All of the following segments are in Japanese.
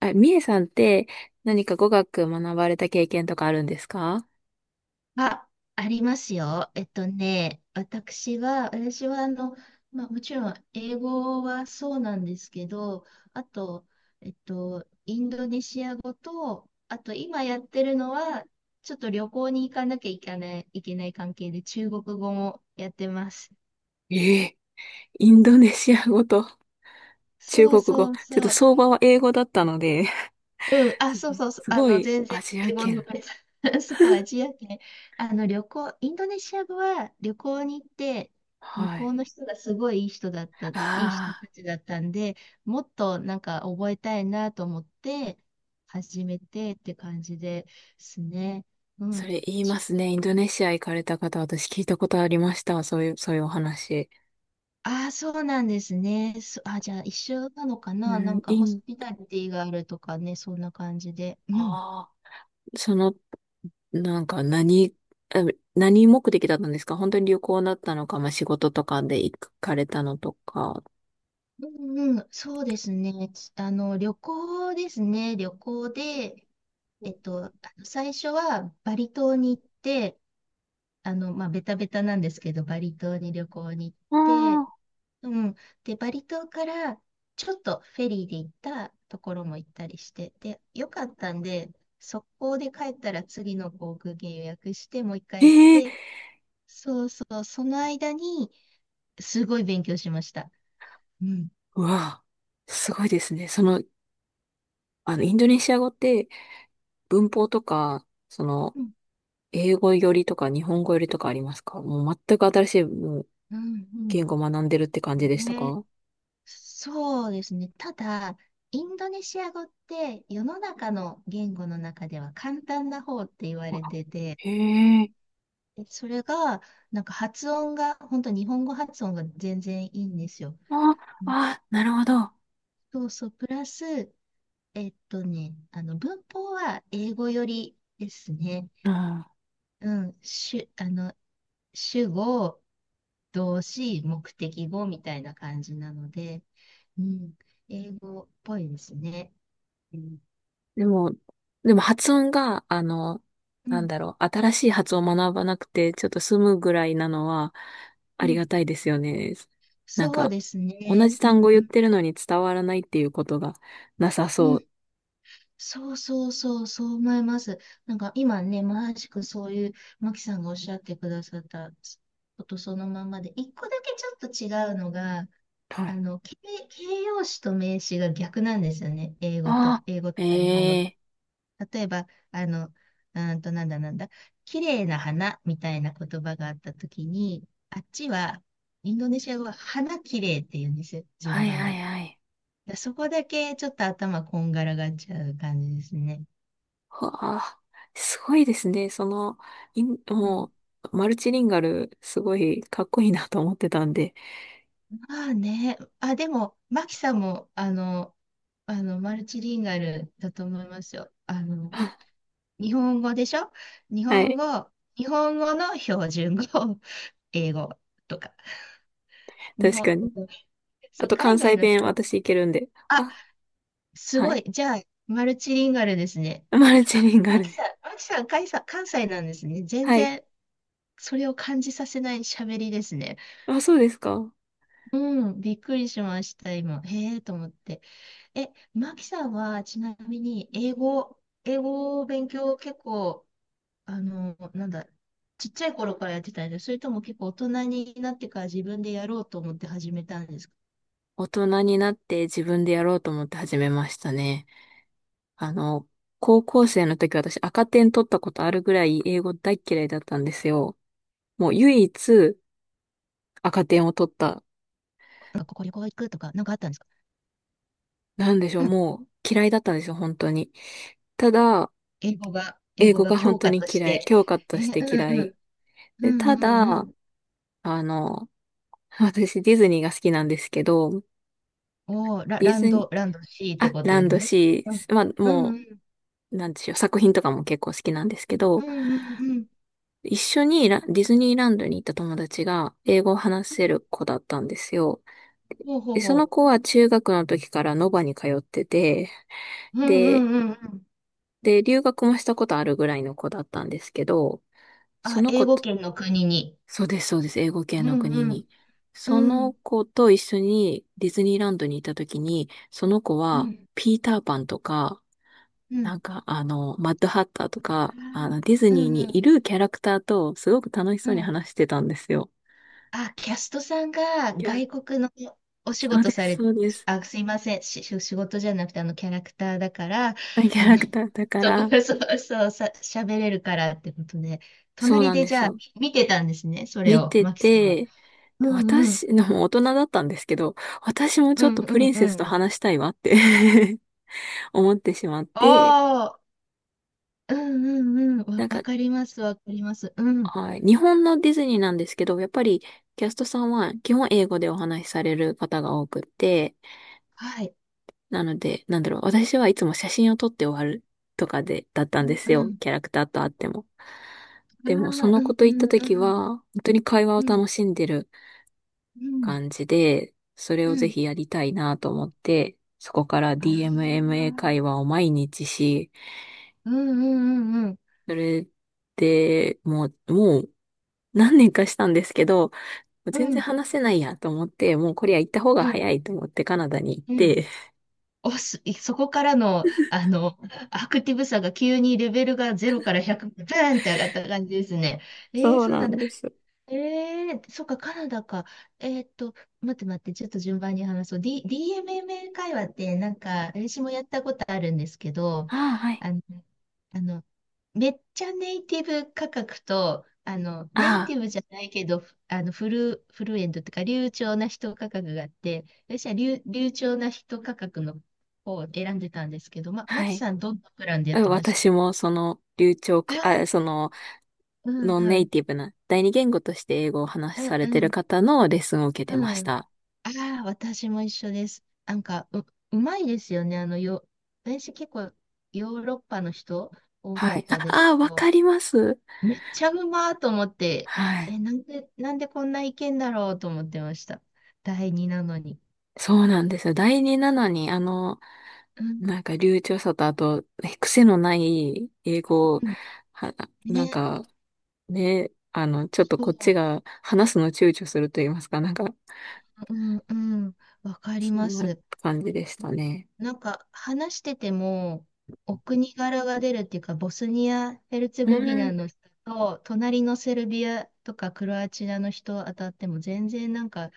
あ、みえさんって何か語学学ばれた経験とかあるんですか？あ、ありますよ。私はまあ、もちろん英語はそうなんですけど、あと、インドネシア語と、あと今やってるのは、ちょっと旅行に行かなきゃいけない関係で中国語もやってます。ええ、インドネシア語と 中そう国語。そうちょっとそう。相場は英語だったので うん、あ、そう そうそう、すごい全然アジア英語の 圏。そう、アジア圏。インドネシア語は旅行に行って、向はこうい。の人がすごいいい人だった、いい人あたあ、ちだったんで、もっとなんか覚えたいなと思って、始めてって感じですね。うそん。れ言いちますね。インドネシア行かれた方、私聞いたことありました。そういうお話。ああ、そうなんですね。じゃあ一緒なのかうな、なんん、かホスピタリティがあるとかね、そんな感じで。うん。ああ、その、なんか何、あ何目的だったんですか？本当に旅行だったのか、まあ、仕事とかで行かれたのとか。うんうん、そうですね。旅行ですね。旅行で、最初はバリ島に行って、まあ、ベタベタなんですけど、バリ島に旅行に行って、ああ、うん。で、バリ島からちょっとフェリーで行ったところも行ったりして、で、よかったんで、速攻で帰ったら次の航空券予約して、もう一回行っえて、え、そうそう、その間にすごい勉強しました。うん。うわあ、すごいですね。その、あの、インドネシア語って文法とか、その、うん、英語よりとか日本語よりとかありますか？もう全く新しいもううん、う言ん。語を学んでるって感じでしたね、か？そうですね。ただ、インドネシア語って世の中の言語の中では簡単な方って言われてて、へえ、でそれが、なんか発音が、本当日本語発音が全然いいんですよ。あ、うん、あ、なるほど。そうそう、プラス、文法は英語よりですね。うん。うん、主、あの、主語、動詞、目的語みたいな感じなので、うん、英語っぽいですね。でも、でも発音が、あの、うなんんだろう、新しい発音を学ばなくて、ちょっと済むぐらいなのは、うありん、がたいですよね。なんそうか、です同ね。じう単語んう言っんてるのに伝わらないっていうことがなさうそん。う。そうそうそう、そう思います。なんか今ね、まさしくそういう、マキさんがおっしゃってくださったことそのままで、一個だけちょっと違うのが、はあい。の、形、形容詞と名詞が逆なんですよね。あ英語とあ、か日本語とか。ええ、例えば、あの、うーんと、なんだなんだ、綺麗な花みたいな言葉があったときに、あっちは、インドネシア語は花綺麗って言うんですよ、順はい番はいが。はい。でそこだけちょっと頭こんがらがっちゃう感じですね。わあ、すごいですね。その、うん。もう、マルチリンガル、すごいかっこいいなと思ってたんで。まあね。あ、でも、マキさんも、マルチリンガルだと思いますよ。日本語でしょ、日は本い、語、日本語の標準語、英語とか。日確本、かに。そあう、と海関外西の弁、人、私いけるんで。あ、あ、すはごい。い。じゃあ、マルチリンガルですね。マルチあ、リンガマルキさで。ん、マキさん、関西関西なんですね。全はい。然、それを感じさせない喋りですね。あ、そうですか。うん、びっくりしました、今。へえと思って。え、マキさんは、ちなみに、英語を勉強結構、あの、なんだ、ちっちゃい頃からやってたんですか？それとも結構大人になってから自分でやろうと思って始めたんですか？大人になって自分でやろうと思って始めましたね。あの、高校生の時私赤点取ったことあるぐらい英語大嫌いだったんですよ。もう唯一赤点を取った。なんか、ここ旅行行くとか、なんかあったんですか？なんでしょうう、ん。もう嫌いだったんですよ、本当に。ただ、英英語語がが本教当科にとし嫌い。て。教科とえ、してう嫌んうん。い。うで、たんうんうだ、ん。あの、私ディズニーが好きなんですけど、おー、ディズニー、ランド C ってあ、ことラでンすドね。シうん。ー、まあ、うんもうん。う、なんでしょう、作品とかも結構好きなんですけうど、んうんうん。一緒にラディズニーランドに行った友達が英語を話せる子だったんですよ。ほうほうで、そのほ子は中学の時からノバに通ってて、う。うんうんで、うんうん。で、留学もしたことあるぐらいの子だったんですけど、そあ、の英子語と、圏の国に。そうです、そうです、英語う系のん国うん。に。そうのん。子と一緒にディズニーランドに行った時に、その子うはん。ピーターパンとか、うん。なんか、あの、マッドハッターとあか、あーの、ディズうニーんうにいん。るキャラクターと、すごく楽しうそうにん。話してたんですよ。あ、キャストさんがいや、外国のお仕そう事でさす、れ、そうです。あ、すいません。仕事じゃなくて、あの、キャラクターだから、キあャの、ラク ターだから、そうそう、喋れるからってことで、そう隣なんででじすゃあ、よ。見てたんですね、それ見を、てマキさんは。て、うんうん。私、でも大人だったんですけど、私もうちょっんとうプリんンうセスとん。話したいわって 思ってしまって、ああ、うんうんうん。なんわか、かります、わかります。うん。はい、日本のディズニーなんですけど、やっぱりキャストさんは基本英語でお話しされる方が多くって、はい。なので、なんだろう、私はいつも写真を撮って終わるとかで、だったうんでんすうよ。ん。キャラクターと会っても。あでも、そあ、のう子んとう行ったんう時んは、本当に会話をうん楽しんでるうん感じで、それうをぜんひやりたいなと思って、そこから ああ DMMA ー、会話を毎日し、うんうんうんそれで、もう何年かしたんですけど、う全んう然ん話せないやと思って、もうこれは行った方がうん早いと思ってカナダに行っうん。て。そこからの、アクティブさが急にレベルが0から100、ブーンって上がった感じですね。そうそうななんんだ。です。ええ、そっか、カナダか。えーっと、待って待って、ちょっと順番に話そう。DMM 会話って、なんか、私もやったことあるんですけど、ああ、はい。あの、あの、めっちゃネイティブ価格と、ネイテあィブじゃないけど、フルエントっていうか、流暢な人価格があって、私は流暢な人価格の方を選んでたんですけど、あ、マはキい。さん、どんなプランでやっあ、てました？私もその流暢あか、ああ、ー、そのうんノンうネイん、ティブな第二言語として英語を話しあ、されうてるん、方のレッスンを受けてまうしん。た。ああ、私も一緒です。なんか、うまいですよね。私結構ヨーロッパの人多はかっい。たあ、ですあ、けわど、かります。めっちゃうまーと思って、はえ、い。なんでこんないけんだろうと思ってました。第二なのに。そうなんですよ。第二なのに、あの、うん、なんか流暢さとあと、ね癖のない英語を、うん、は、なんね、か、ね、あの、ちょっとそこっちう、が話すの躊躇すると言いますか、なんか、うん、うん、わかりそまんなす。感じでしたね。なんか話してても、お国柄が出るっていうか、ボスニア・ヘルツェうゴビナん。の人と、隣のセルビアとかクロアチアの人当たっても、全然なんか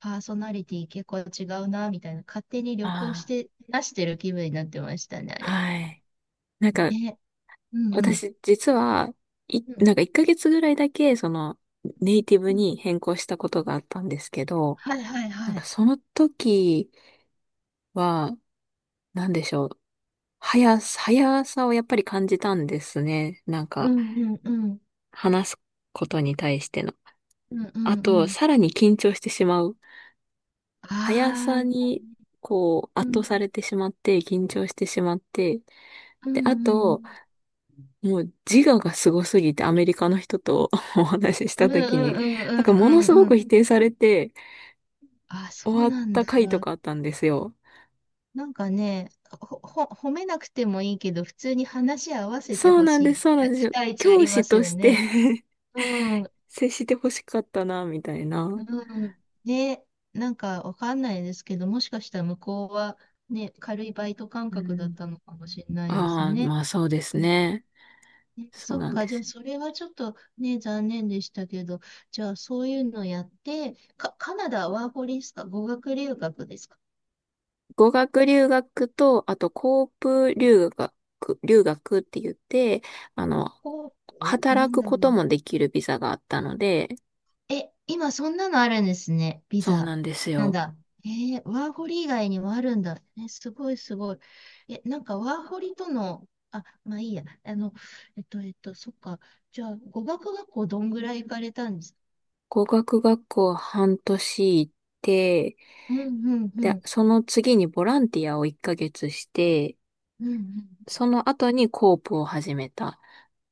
パーソナリティ結構違うな、みたいな、勝手に旅行しあて出してる気分になってましたね、ああ、れ。はい。なんか、ね。うんうん。私、実は、うんなんか1ヶ月ぐらいだけ、その、ネイティブうん。に変更したことがあったんですけど、はいはいなんはかい。その時は、なんでしょう。速さをやっぱり感じたんですね。なんうか、んうんうん。話すことに対しての。うんうあんうと、ん。さらに緊張してしまう。速あさあ、に、こう、う圧倒ん。されてしまって、緊張してしまって。うんで、あうと、ん。もう自我がすごすぎてアメリカの人と お話ししうんたう時んに、うんうなんかもんのうすんうごくん。否定されてあ、そ終うわっなんただ。回とかあったんですよ。なんかね、褒めなくてもいいけど、普通に話合わせてそうほなんしです、い、そうなあ、んです期よ。待値あ教りま師すとよして ね。うん、接してほしかったな、みたいな。うん。ね、なんかわかんないですけど、もしかしたら向こうはね、軽いバイト感う覚だっん。たのかもしれないですああ、ね。まあそうですうん。ね。ねそうそっなんか、でじゃあす。それはちょっとね、残念でしたけど、じゃあそういうのやって、カナダワーホリですか？語学留学ですか？語学留学と、あとコープ留学、留学って言って、あの、ホープな働んくだころとう。もできるビザがあったので、え、今そんなのあるんですね。ビそうザ。なんですなんよ。だ。ワーホリ以外にもあるんだ。え、すごいすごい。え、なんかワーホリとの、あ、まあいいや。そっか。じゃあ、語学学校どんぐらい行かれたんですか？語学学校半年行って、うんうんうで、ん。その次にボランティアを1ヶ月して、うんその後にコープを始めたっ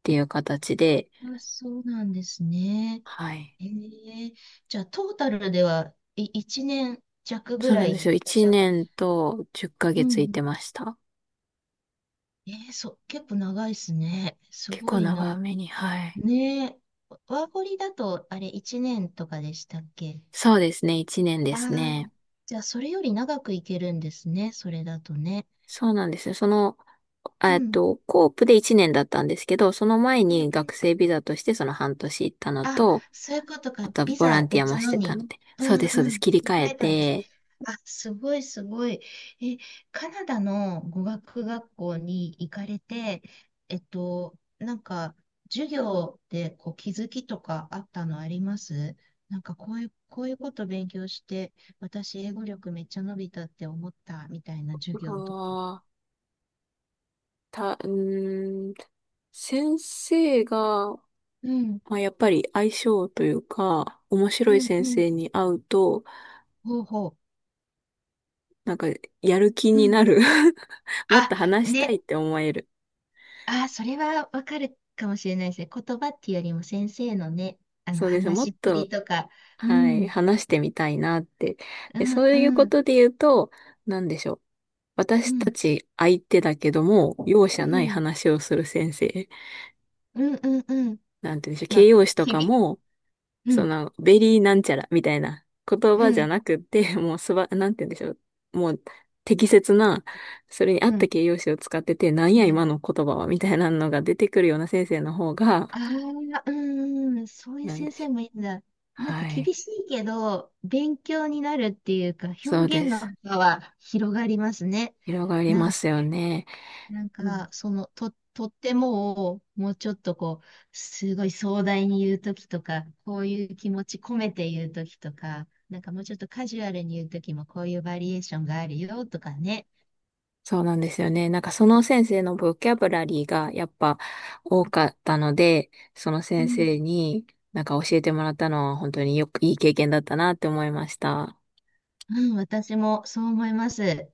ていう形で、うん。あ、そうなんですね。はい。えー、じゃあ、トータルでは、1年弱ぐそうらなんいで行っすよ。てらっし1ゃった。年と10ヶうんう月行っかげついん。てました。そう、結構長いですね。す結ご構い長な。めに、はい。ねえ、ワーホリだと、あれ、1年とかでしたっけ？そうですね。1年あであすー、ね。じゃあ、それより長くいけるんですね、それだとね。そうなんですよ。その、うん、コープで1年だったんですけど、その前うん、うに学ん。生ビザとしてその半年行ったのあ、と、そういうことか。あと、ビボラザンティアも別しのてたに。ので。うそうんです、そうでうす。ん。切切りり替替ええたんです。て、あ、すごいすごい。え、カナダの語学学校に行かれて、なんか、授業でこう気づきとかあったのあります？なんかこういうこと勉強して、私英語力めっちゃ伸びたって思ったみたいな授業とか。ああ、た、うーん、先生が、うん、まあ、やっぱり相性というか、面う白いん、先う生ん。に会うと、ほうほう。なんか、やる気うにん。なる もっあ、と話したね、いって思える。ああ、それはわかるかもしれないですね。言葉っていうよりも先生のね、そうです。も話しっっぷりと、とか、うはい、ん、話してみたいなって。うで、ん、そういううこん、とで言うと、なんでしょう。う私たん、ち相手だけども、容う赦ないん、話をする先生。うん、うん、うん、なんて言うんでしょう。ま形あ、容詞ときか々、も、うそん、の、ベリーなんちゃらみたいな言う葉じゃん、なくって、もうすば、なんて言うんでしょう。もう適切な、それに合っうたん、形容詞を使ってて、なんうやん。今の言葉は、みたいなのが出てくるような先生の方が、ああ、うん、そういうなん先でし生ょう。もいいんだ。なんかはい。厳しいけど、勉強になるっていうか、そう表現でのす。幅は広がりますね。広がりなまんかすよね。なんうか、ん。その、とってもを、もうちょっとこう、すごい壮大に言うときとか、こういう気持ち込めて言うときとか、なんかもうちょっとカジュアルに言うときも、こういうバリエーションがあるよとかね。そうなんですよね。なんかその先生のボキャブラリーがやっぱ多かったので、そのう先ん。生になんか教えてもらったのは本当によくいい経験だったなって思いました。うん、私もそう思います。